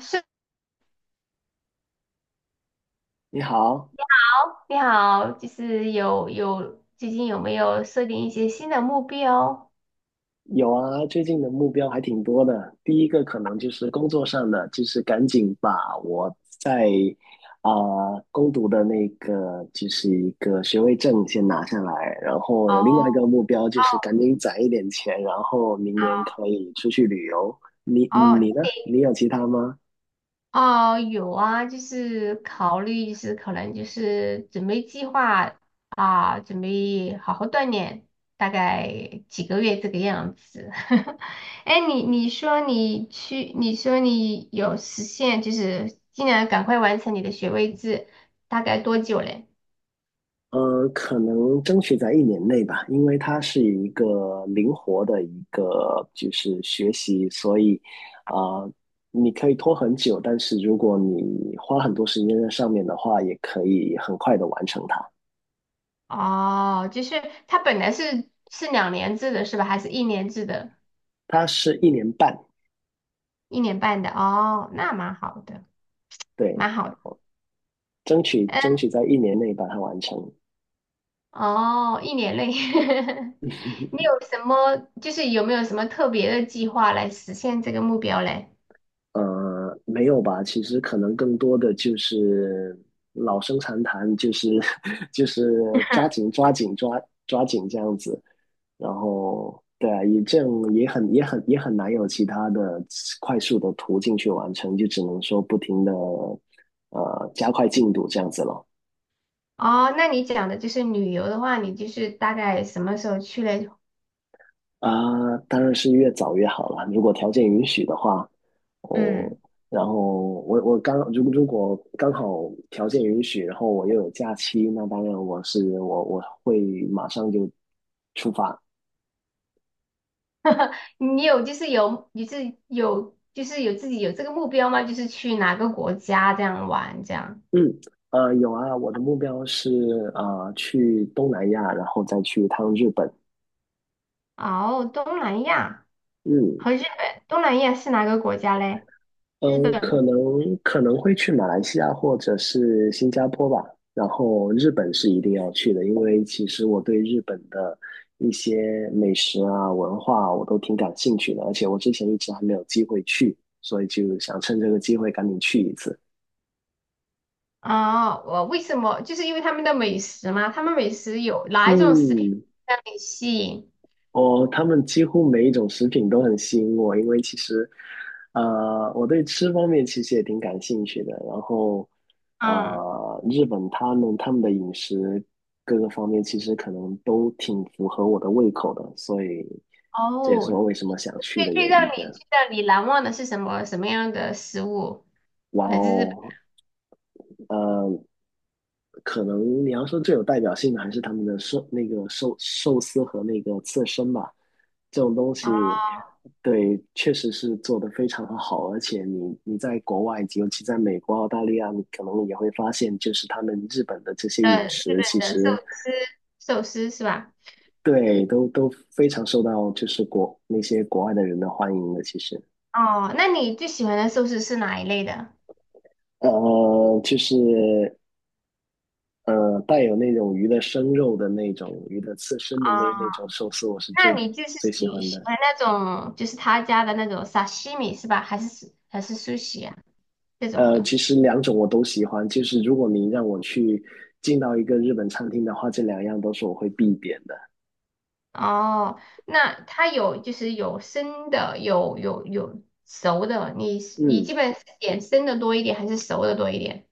是你好，好，你好，就是有最近有没有设定一些新的目标？有啊，最近的目标还挺多的。第一个可能就是工作上的，就是赶紧把我在啊、攻读的那个就是一个学位证先拿下来，然后哦有另外一个目标就是赶哦紧攒一点钱，然后明年可以出去旅游。你哦，你呢？你有其他吗？哦，有啊，就是考虑，就是可能就是准备计划准备好好锻炼，大概几个月这个样子。哎你说你去，你说你有实现，就是尽量赶快完成你的学位制，大概多久嘞？可能争取在一年内吧，因为它是一个灵活的一个就是学习，所以啊、呃你可以拖很久，但是如果你花很多时间在上面的话，也可以很快的完成它。哦，就是它本来是两年制的是吧？还是一年制的？它是一年半，一年半的？哦，那蛮好的，对，蛮好的。争取嗯争取在一年内把它完成。哦，一年内。你有什么，就是有没有什么特别的计划来实现这个目标嘞？没有吧？其实可能更多的就是老生常谈，就是 就是抓紧抓紧抓抓紧这样子。然后，对啊，也这样也很难有其他的快速的途径去完成，就只能说不停的加快进度这样子了。哦，那你讲的就是旅游的话，你就是大概什么时候去嘞？啊，当然是越早越好了。如果条件允许的话，哦，嗯，然后我如果刚好条件允许，然后我又有假期，那当然我是我我会马上就出发。你有就是有，你是有就是有自己有这个目标吗？就是去哪个国家这样玩这样？嗯，有啊，我的目标是啊，去东南亚，然后再去一趟日本。哦，东南亚。嗯。和日本、东南亚是哪个国家嘞？日嗯，可本能可能会去马来西亚或者是新加坡吧，然后日本是一定要去的，因为其实我对日本的一些美食啊、文化啊我都挺感兴趣的，而且我之前一直还没有机会去，所以就想趁这个机会赶紧去一次。啊，我为什么？就是因为他们的美食嘛，他们美食有哪一种食品嗯，让你吸引？哦，他们几乎每一种食品都很吸引我，因为其实，我对吃方面其实也挺感兴趣的。然后，嗯，日本他们的饮食各个方面其实可能都挺符合我的胃口的，所以这也是哦，我为什么想去的原因。最让你难忘的是什么样的食物？哇来自日本哦，呃可能你要说最有代表性的还是他们的寿司和那个刺身吧，这种东哦，西，对，确实是做得非常的好，而且你在国外，尤其在美国、澳大利亚，你可能也会发现，就是他们日本的这些饮呃，日食，其本的实司，寿司是吧？对都非常受到就是那些国外的人的欢迎的，其实。哦，那你最喜欢的寿司是哪一类的？就是带有那种鱼的生肉的那种鱼的刺身的那那哦，种寿司，我是那最你就是最喜喜欢喜的。欢那种就是他家的那种沙西米是吧？还是寿 u s 这种的。其实两种我都喜欢，就是如果你让我去进到一个日本餐厅的话，这两样都是我会必点的。哦，那它有就是有生的，有有熟的，你嗯，基本是点生的多一点还是熟的多一点？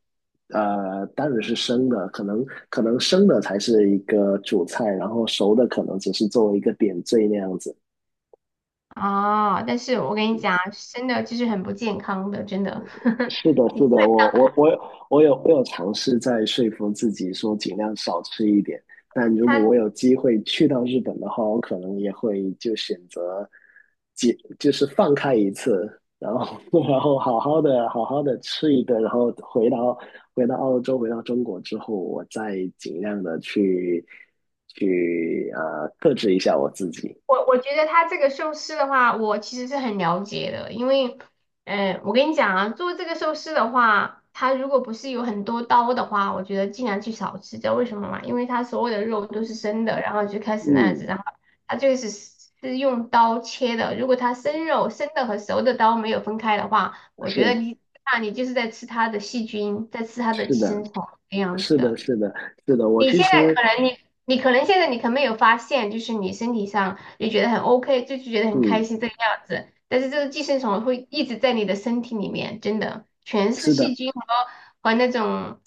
当然是生的，可能生的才是一个主菜，然后熟的可能只是作为一个点缀那样子。哦，但是我跟你讲，生的就是很不健康的，真的。是的，是你基的，本我有尝试在说服自己说尽量少吃一点，但如果它我有机会去到日本的话，我可能也会就选择，就是放开一次，然后 然后好好的吃一顿，然后回到澳洲回到中国之后，我再尽量的去克制一下我自己。我觉得他这个寿司的话，我其实是很了解的，因为，我跟你讲啊，做这个寿司的话，它如果不是有很多刀的话，我觉得尽量去少吃。知道为什么吗？因为它所有的肉都是生的，然后就开始那样子，嗯，然后它就是用刀切的。如果它生肉、生的和熟的刀没有分开的话，我觉得是你就是在吃它的细菌，在吃它的是寄的，生虫这样子是的，的。是的，是的，我你其现在实可能你可能没有发现，就是你身体上你觉得很 OK,就是觉得很开嗯。心这个样子，但是这个寄生虫会一直在你的身体里面，真的全是是细的。菌和和那种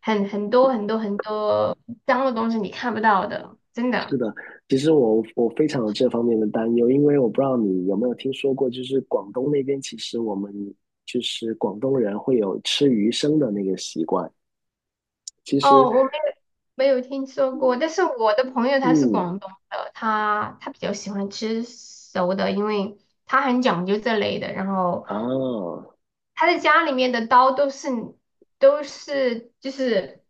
很很多脏的东西，你看不到的，真的。是的，其实我非常有这方面的担忧，因为我不知道你有没有听说过，就是广东那边其实我们就是广东人会有吃鱼生的那个习惯。其实，哦，我没有听说过，但是我的朋友他是嗯，广东的，他比较喜欢吃熟的，因为他很讲究这类的，然后。啊他的家里面的刀都是就是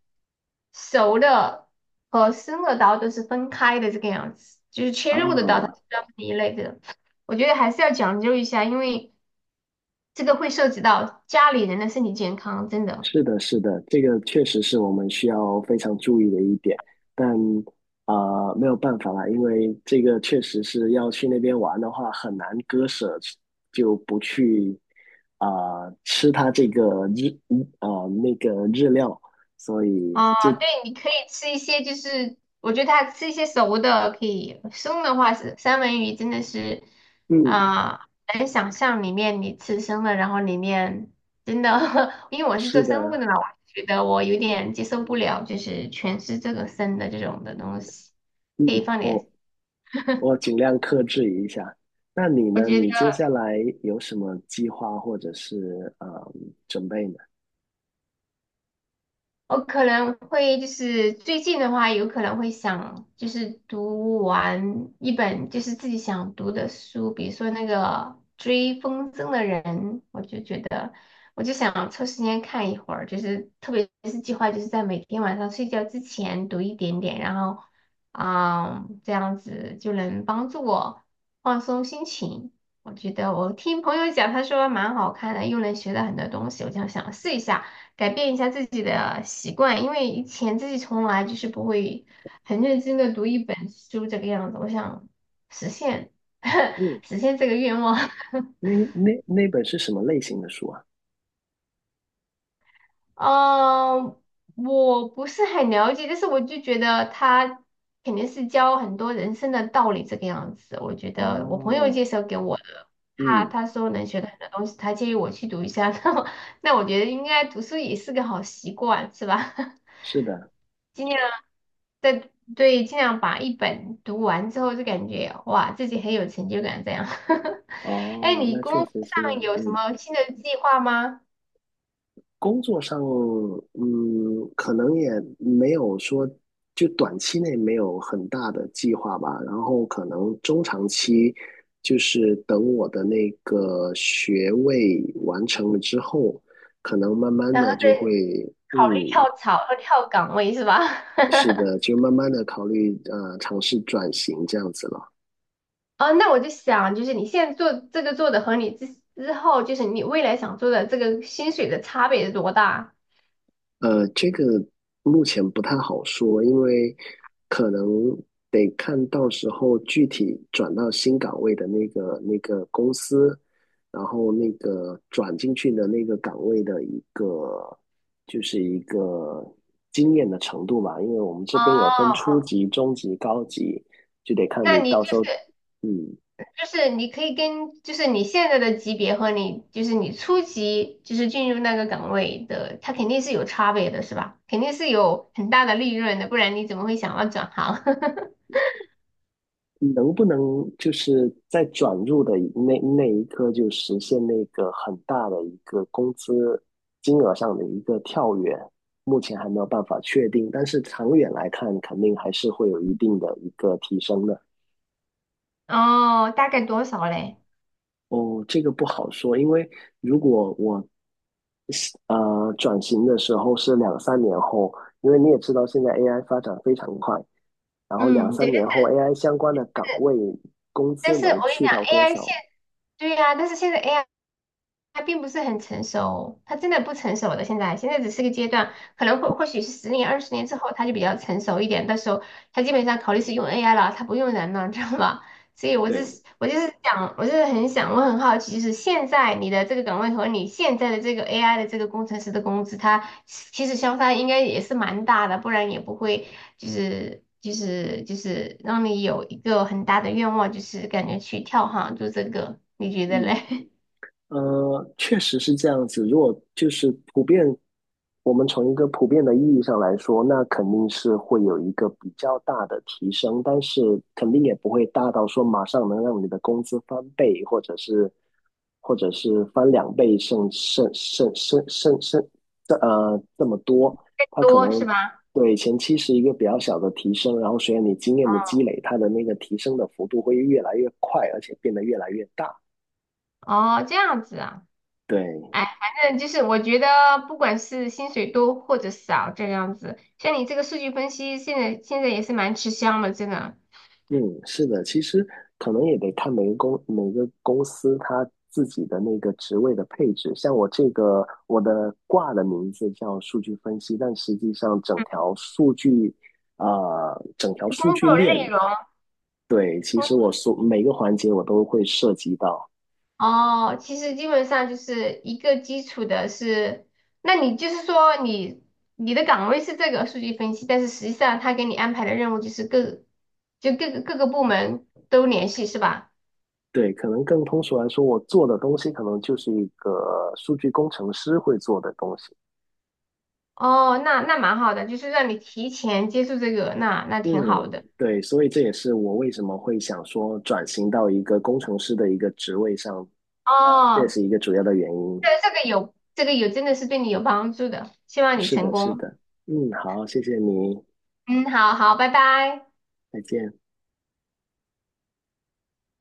熟的和生的刀都是分开的这个样子，就是切啊，肉的刀它是专门一类的。我觉得还是要讲究一下，因为这个会涉及到家里人的身体健康，真的。是的，是的，这个确实是我们需要非常注意的一点，但没有办法啦，因为这个确实是要去那边玩的话，很难割舍，就不去啊、吃它这个日啊、呃那个日料，所以哦，对，你可以吃一些，就是我觉得它吃一些熟的可以，生的话是三文鱼真的是，嗯啊、很难想象里面你吃生的，然后里面真的。因为我是做是生物的的，嘛，我觉得我有点接受不了，就是全是这个生的这种的东西，嗯可以放点。我我 尽量克制一下。那你我呢？觉你接下得。来有什么计划或者是准备呢？我可能会就是最近的话，有可能会想就是读完一本就是自己想读的书，比如说那个《追风筝的人》，我就觉得我就想抽时间看一会儿，就是特别是计划就是在每天晚上睡觉之前读一点点，然后这样子就能帮助我放松心情。我觉得我听朋友讲，他说蛮好看的，又能学到很多东西，我就想试一下。改变一下自己的习惯，因为以前自己从来就是不会很认真的读一本书这个样子。我想实现 嗯。实现这个愿望。那本是什么类型的书啊？嗯，我不是很了解，但是我就觉得他肯定是教很多人生的道理这个样子。我觉得我朋友哦，介绍给我的，嗯，他说能学到很多东西，他建议我去读一下。那我觉得应该读书也是个好习惯，是吧？是的，尽量在对，尽量把一本读完之后就感觉哇，自己很有成就感这样。哎，哦，你那工确作实是这上样，有什嗯，么新的计划吗？工作上，嗯，可能也没有说，就短期内没有很大的计划吧，然后可能中长期，就是等我的那个学位完成了之后，可能慢慢然后的就会，再嗯，考虑跳槽和跳岗位是吧？是的，就慢慢的考虑，尝试转型这样子了。哦，那我就想，就是你现在做这个做的和你之后，就是你未来想做的这个薪水的差别是多大？这个目前不太好说，因为可能得看到时候具体转到新岗位的那个公司，然后那个转进去的那个岗位的一个就是一个经验的程度吧，因为我们这边有分哦，初级、中级、高级，就得看那你你到就时候，是。嗯，就是你可以跟，就是你现在的级别和你，就是你初级，就是进入那个岗位的，它肯定是有差别的，是吧？肯定是有很大的利润的，不然你怎么会想要转行？能不能就是在转入的那一刻就实现那个很大的一个工资金额上的一个跳跃？目前还没有办法确定，但是长远来看，肯定还是会有一定的一个提升的。哦，大概多少嘞？哦，这个不好说，因为如果我转型的时候是两三年后，因为你也知道现在 AI 发展非常快，然后两嗯，三对，年后 AI 相关的岗位工但资是我能跟你去讲到多，AI 现，少？对呀、但是现在 AI。他并不是很成熟，他真的不成熟的。现在只是个阶段，可能或许是10年、20年之后，他就比较成熟一点。到时候他基本上考虑是用 AI 了，他不用人了，知道吧？所以对，我就是想，我就是很想，我很好奇，就是现在你的这个岗位和你现在的这个 AI 的这个工程师的工资，它其实相差应该也是蛮大的，不然也不会就是让你有一个很大的愿望，就是感觉去跳行做这个，你觉得嗯。嘞？确实是这样子。如果就是普遍，我们从一个普遍的意义上来说，那肯定是会有一个比较大的提升，但是肯定也不会大到说马上能让你的工资翻倍，或者是翻两倍，甚甚甚甚甚甚这么多。它可多能是吧？对前期是一个比较小的提升，然后随着你经验的积累，它的那个提升的幅度会越来越快，而且变得越来越大。哦，这样子啊，对。哎，反正就是我觉得，不管是薪水多或者少，这样子，像你这个数据分析，现在也是蛮吃香的，真的。嗯，是的，其实可能也得看每个公司它自己的那个职位的配置。像我这个，我的挂的名字叫数据分析，但实际上啊，整就条是工数作据链，内容，对，其工实我所每个环节我都会涉及到。哦，其实基本上就是一个基础的是，那你就是说你的岗位是这个数据分析，但是实际上他给你安排的任务就是各个部门都联系是吧？对，可能更通俗来说，我做的东西可能就是一个数据工程师会做的东西。哦，那蛮好的，就是让你提前接触这个，那嗯，挺好的。对，所以这也是我为什么会想说转型到一个工程师的一个职位上，这也是哦，一个主要的原对，因。这个有，真的是对你有帮助的，希望你是成的，是功。的。嗯，好，谢谢你，嗯，好，拜拜。再见。